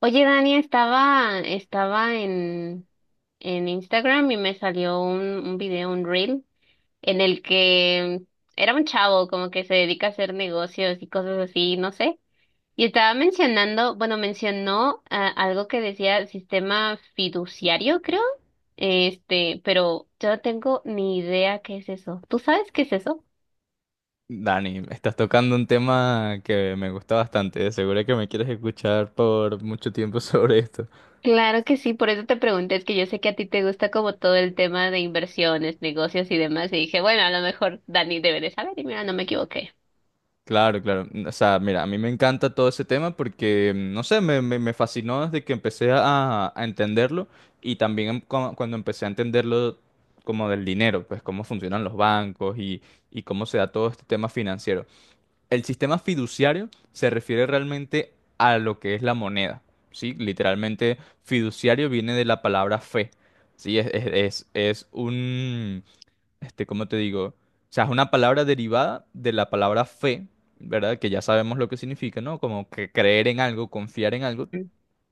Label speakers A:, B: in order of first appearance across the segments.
A: Oye, Dani, en Instagram y me salió un video, un reel, en el que era un chavo como que se dedica a hacer negocios y cosas así, no sé. Y estaba mencionando, bueno, mencionó algo que decía sistema fiduciario, creo. Pero yo no tengo ni idea qué es eso. ¿Tú sabes qué es eso?
B: Dani, estás tocando un tema que me gusta bastante. De seguro que me quieres escuchar por mucho tiempo sobre esto.
A: Claro que sí, por eso te pregunté, es que yo sé que a ti te gusta como todo el tema de inversiones, negocios y demás, y dije, bueno, a lo mejor Dani debe de saber, y mira, no me equivoqué.
B: Claro, claro. O sea, mira, a mí me encanta todo ese tema porque, no sé, me fascinó desde que empecé a entenderlo y también cuando empecé a entenderlo como del dinero, pues cómo funcionan los bancos y cómo se da todo este tema financiero. El sistema fiduciario se refiere realmente a lo que es la moneda, ¿sí? Literalmente, fiduciario viene de la palabra fe, ¿sí? Es un, ¿cómo te digo? O sea, es una palabra derivada de la palabra fe, ¿verdad? Que ya sabemos lo que significa, ¿no? Como que creer en algo, confiar en algo.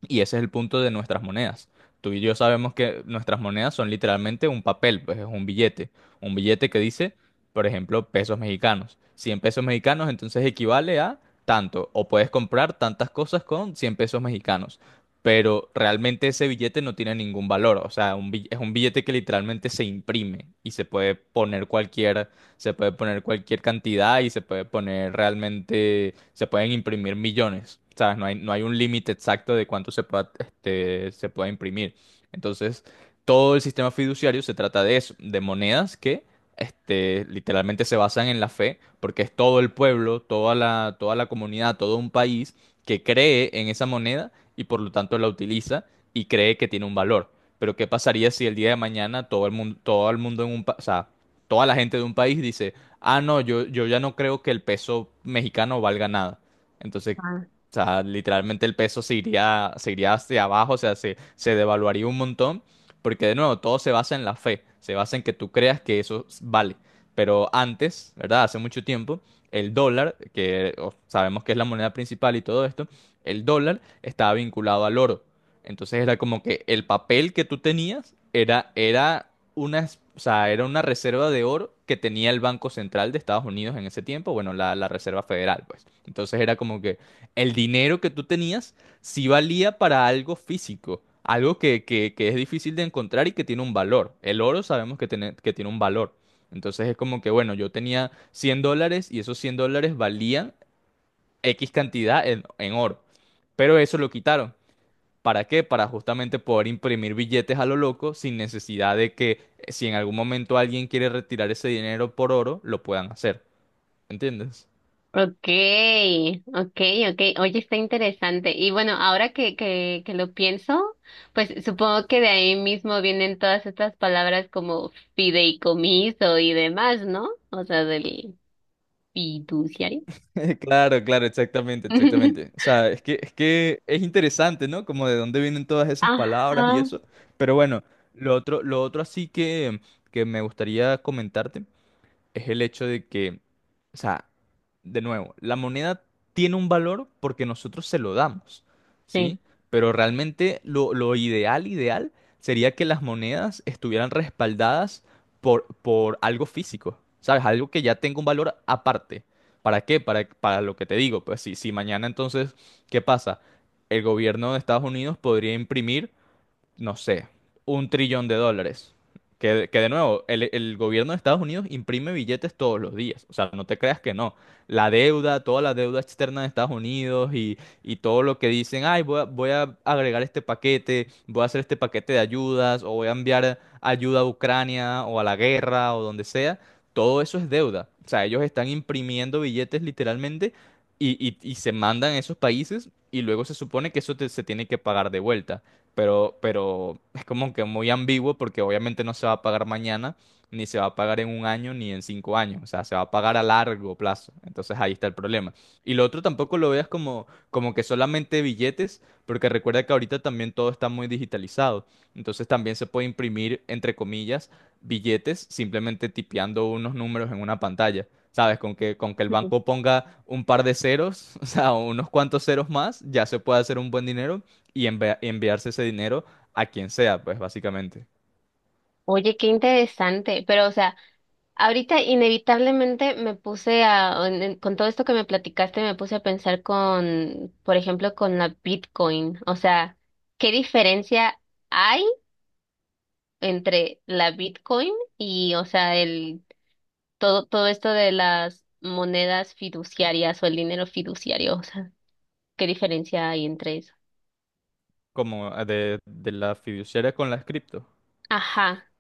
B: Y ese es el punto de nuestras monedas. Tú y yo sabemos que nuestras monedas son literalmente un papel, pues es un billete. Un billete que dice, por ejemplo, pesos mexicanos. Cien pesos mexicanos entonces equivale a tanto. O puedes comprar tantas cosas con 100 pesos mexicanos. Pero realmente ese billete no tiene ningún valor. O sea, es un billete que literalmente se imprime y se puede poner cualquier cantidad y se puede poner realmente, se pueden imprimir millones, ¿sabes? No hay un límite exacto de cuánto se pueda imprimir. Entonces, todo el sistema fiduciario se trata de eso, de monedas que literalmente se basan en la fe, porque es todo el pueblo, toda la comunidad, todo un país que cree en esa moneda y por lo tanto la utiliza y cree que tiene un valor. Pero ¿qué pasaría si el día de mañana todo el mundo en un país, o sea, toda la gente de un país dice, ah, no, yo ya no creo que el peso mexicano valga nada. Entonces,
A: Ajá.
B: o sea, literalmente el peso se iría hacia abajo, o sea, se devaluaría un montón, porque de nuevo, todo se basa en la fe, se basa en que tú creas que eso vale. Pero antes, ¿verdad? Hace mucho tiempo, el dólar, sabemos que es la moneda principal y todo esto, el dólar estaba vinculado al oro. Entonces era como que el papel que tú tenías era, era una, es- o sea, era una reserva de oro que tenía el Banco Central de Estados Unidos en ese tiempo, bueno, la Reserva Federal, pues. Entonces era como que el dinero que tú tenías sí valía para algo físico, algo que es difícil de encontrar y que tiene un valor. El oro sabemos que tiene un valor. Entonces es como que, bueno, yo tenía 100 dólares y esos 100 dólares valían X cantidad en oro, pero eso lo quitaron. ¿Para qué? Para justamente poder imprimir billetes a lo loco sin necesidad de que si en algún momento alguien quiere retirar ese dinero por oro, lo puedan hacer. ¿Entiendes?
A: Okay, okay, okay. Oye, está interesante. Y bueno, ahora que lo pienso, pues supongo que de ahí mismo vienen todas estas palabras como fideicomiso y demás, ¿no? O sea, del fiduciario.
B: Claro, claro, exactamente, exactamente. O sea, es que es interesante, ¿no? Como de dónde vienen todas esas palabras y
A: Ajá,
B: eso. Pero bueno, lo otro así que me gustaría comentarte es el hecho de que, o sea, de nuevo, la moneda tiene un valor porque nosotros se lo damos,
A: sí.
B: ¿sí? Pero realmente lo ideal, ideal, sería que las monedas estuvieran respaldadas por algo físico, ¿sabes? Algo que ya tenga un valor aparte. ¿Para qué? Para lo que te digo. Pues si mañana entonces, ¿qué pasa? El gobierno de Estados Unidos podría imprimir no sé, un trillón de dólares. Que de nuevo, el gobierno de Estados Unidos imprime billetes todos los días. O sea, no te creas que no. La deuda, toda la deuda externa de Estados Unidos y todo lo que dicen, ay, voy a agregar este paquete, voy a hacer este paquete de ayudas o voy a enviar ayuda a Ucrania o a la guerra o donde sea. Todo eso es deuda. O sea, ellos están imprimiendo billetes literalmente y se mandan a esos países y luego se supone que eso se tiene que pagar de vuelta pero es como que muy ambiguo porque obviamente no se va a pagar mañana, ni se va a pagar en un año, ni en 5 años, o sea, se va a pagar a largo plazo, entonces ahí está el problema. Y lo otro tampoco lo veas como que solamente billetes, porque recuerda que ahorita también todo está muy digitalizado, entonces también se puede imprimir, entre comillas, billetes simplemente tipeando unos números en una pantalla. ¿Sabes? Con que el banco ponga un par de ceros, o sea, unos cuantos ceros más, ya se puede hacer un buen dinero y enviarse ese dinero a quien sea, pues básicamente,
A: Oye, qué interesante. Pero, o sea, ahorita inevitablemente me puse a, con todo esto que me platicaste, me puse a pensar con, por ejemplo, con la Bitcoin. O sea, ¿qué diferencia hay entre la Bitcoin y, o sea, el, todo esto de las monedas fiduciarias o el dinero fiduciario? O sea, ¿qué diferencia hay entre eso?
B: como de las fiduciarias con las cripto.
A: Ajá.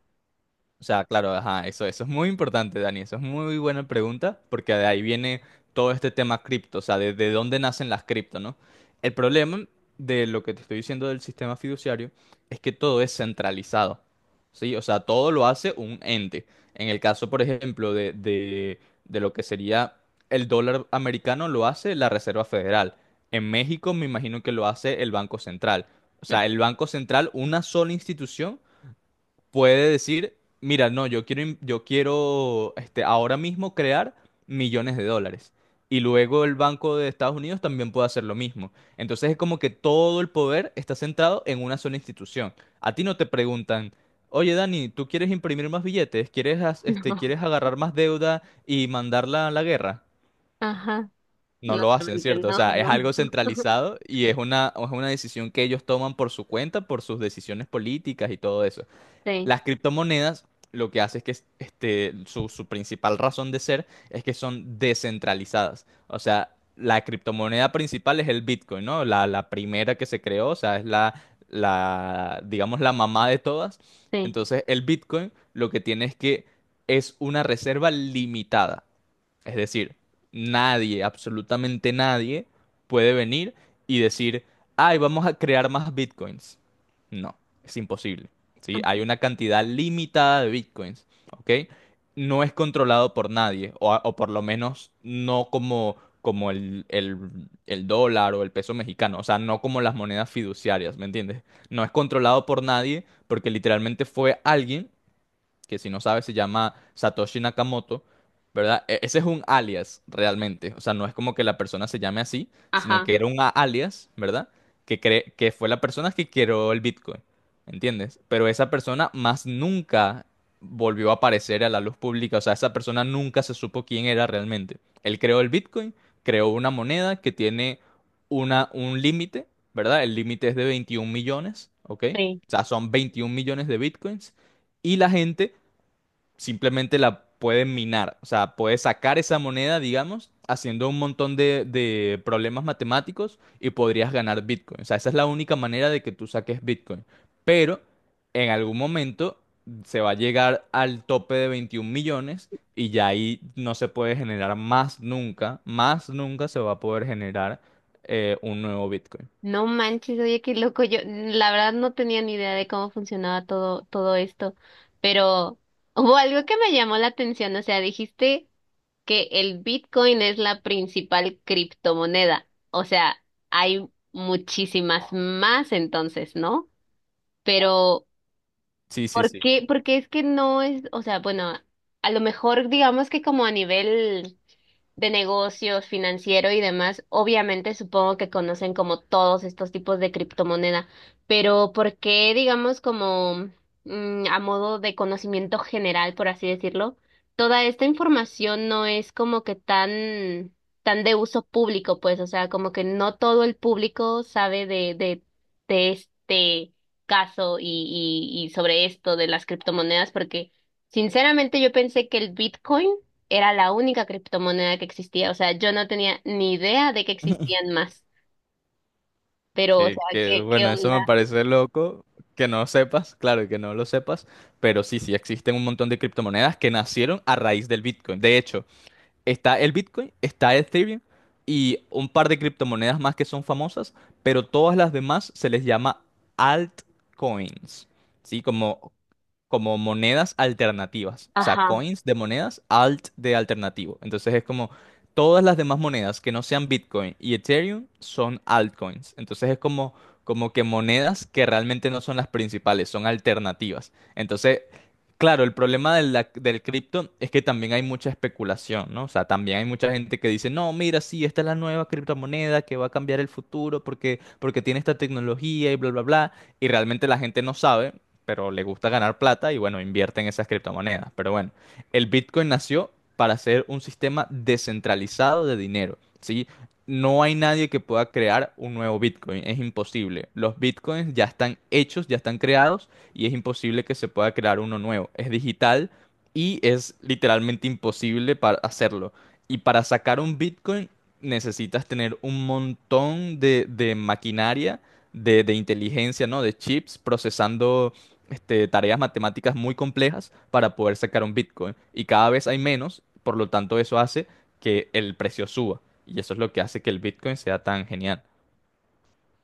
B: O sea, claro, ajá, eso es muy importante, Dani. Eso es muy buena pregunta, porque de ahí viene todo este tema cripto, o sea, de dónde nacen las cripto, ¿no? El problema de lo que te estoy diciendo del sistema fiduciario es que todo es centralizado, ¿sí? O sea, todo lo hace un ente. En el caso, por ejemplo, de lo que sería el dólar americano, lo hace la Reserva Federal. En México, me imagino que lo hace el Banco Central. O sea, el Banco Central, una sola institución puede decir, mira, no, yo quiero ahora mismo crear millones de dólares. Y luego el Banco de Estados Unidos también puede hacer lo mismo. Entonces es como que todo el poder está centrado en una sola institución. A ti no te preguntan, oye Dani, ¿tú quieres imprimir más billetes? ¿Quieres, as- este,
A: No.
B: quieres agarrar más deuda y mandarla a la guerra?
A: Ajá.
B: No
A: No,
B: lo hacen,
A: realmente
B: ¿cierto? O
A: no,
B: sea, es
A: no.
B: algo
A: No.
B: centralizado y es una decisión que ellos toman por su cuenta, por sus decisiones políticas y todo eso.
A: Sí,
B: Las criptomonedas lo que hace es que su principal razón de ser es que son descentralizadas. O sea, la criptomoneda principal es el Bitcoin, ¿no? La primera que se creó, o sea, es la, digamos, la mamá de todas.
A: sí.
B: Entonces, el Bitcoin lo que tiene es que es una reserva limitada. Es decir, nadie, absolutamente nadie, puede venir y decir, ay, vamos a crear más bitcoins. No, es imposible. ¿Sí? Hay una cantidad limitada de bitcoins, ¿ok? No es controlado por nadie, o por lo menos no como el dólar o el peso mexicano, o sea, no como las monedas fiduciarias, ¿me entiendes? No es controlado por nadie porque literalmente fue alguien que si no sabes se llama Satoshi Nakamoto, ¿verdad? Ese es un alias realmente, o sea, no es como que la persona se llame así, sino
A: Ajá.
B: que era un alias, ¿verdad? Que fue la persona que creó el Bitcoin, ¿entiendes? Pero esa persona más nunca volvió a aparecer a la luz pública, o sea, esa persona nunca se supo quién era realmente. Él creó el Bitcoin, creó una moneda que tiene un límite, ¿verdad? El límite es de 21 millones, ¿ok?
A: Sí.
B: O sea, son 21 millones de Bitcoins y la gente simplemente la pueden minar. O sea, puedes sacar esa moneda, digamos, haciendo un montón de problemas matemáticos y podrías ganar Bitcoin. O sea, esa es la única manera de que tú saques Bitcoin. Pero en algún momento se va a llegar al tope de 21 millones y ya ahí no se puede generar más nunca se va a poder generar un nuevo Bitcoin.
A: No manches, oye, qué loco. Yo, la verdad, no tenía ni idea de cómo funcionaba todo esto, pero hubo algo que me llamó la atención. O sea, dijiste que el Bitcoin es la principal criptomoneda. O sea, hay muchísimas más entonces, ¿no? Pero
B: Sí, sí,
A: ¿por
B: sí.
A: qué? Porque es que no es, o sea, bueno, a lo mejor digamos que como a nivel de negocios, financiero y demás, obviamente supongo que conocen como todos estos tipos de criptomoneda, pero ¿por qué digamos como a modo de conocimiento general, por así decirlo, toda esta información no es como que tan tan de uso público, pues, o sea, como que no todo el público sabe de este caso y, y sobre esto de las criptomonedas, porque sinceramente yo pensé que el Bitcoin era la única criptomoneda que existía. O sea, yo no tenía ni idea de que existían más. Pero, o
B: Que,
A: sea,
B: que,
A: ¿qué, qué
B: bueno, eso me
A: onda?
B: parece loco que no sepas, claro, que no lo sepas, pero sí, sí existen un montón de criptomonedas que nacieron a raíz del Bitcoin. De hecho, está el Bitcoin, está Ethereum y un par de criptomonedas más que son famosas, pero todas las demás se les llama altcoins, ¿sí? Como monedas alternativas, o sea,
A: Ajá.
B: coins de monedas, alt de alternativo. Entonces es como todas las demás monedas que no sean Bitcoin y Ethereum son altcoins. Entonces es como, que monedas que realmente no son las principales, son alternativas. Entonces, claro, el problema de del cripto es que también hay mucha especulación, ¿no? O sea, también hay mucha gente que dice, no, mira, sí, esta es la nueva criptomoneda que va a cambiar el futuro porque tiene esta tecnología y bla, bla, bla. Y realmente la gente no sabe pero le gusta ganar plata y bueno, invierte en esas criptomonedas. Pero bueno, el Bitcoin nació para ser un sistema descentralizado de dinero, ¿sí? No hay nadie que pueda crear un nuevo Bitcoin, es imposible. Los Bitcoins ya están hechos, ya están creados y es imposible que se pueda crear uno nuevo. Es digital y es literalmente imposible para hacerlo. Y para sacar un Bitcoin necesitas tener un montón de maquinaria, de inteligencia, ¿no? De chips procesando tareas matemáticas muy complejas para poder sacar un Bitcoin. Y cada vez hay menos, por lo tanto eso hace que el precio suba. Y eso es lo que hace que el Bitcoin sea tan genial.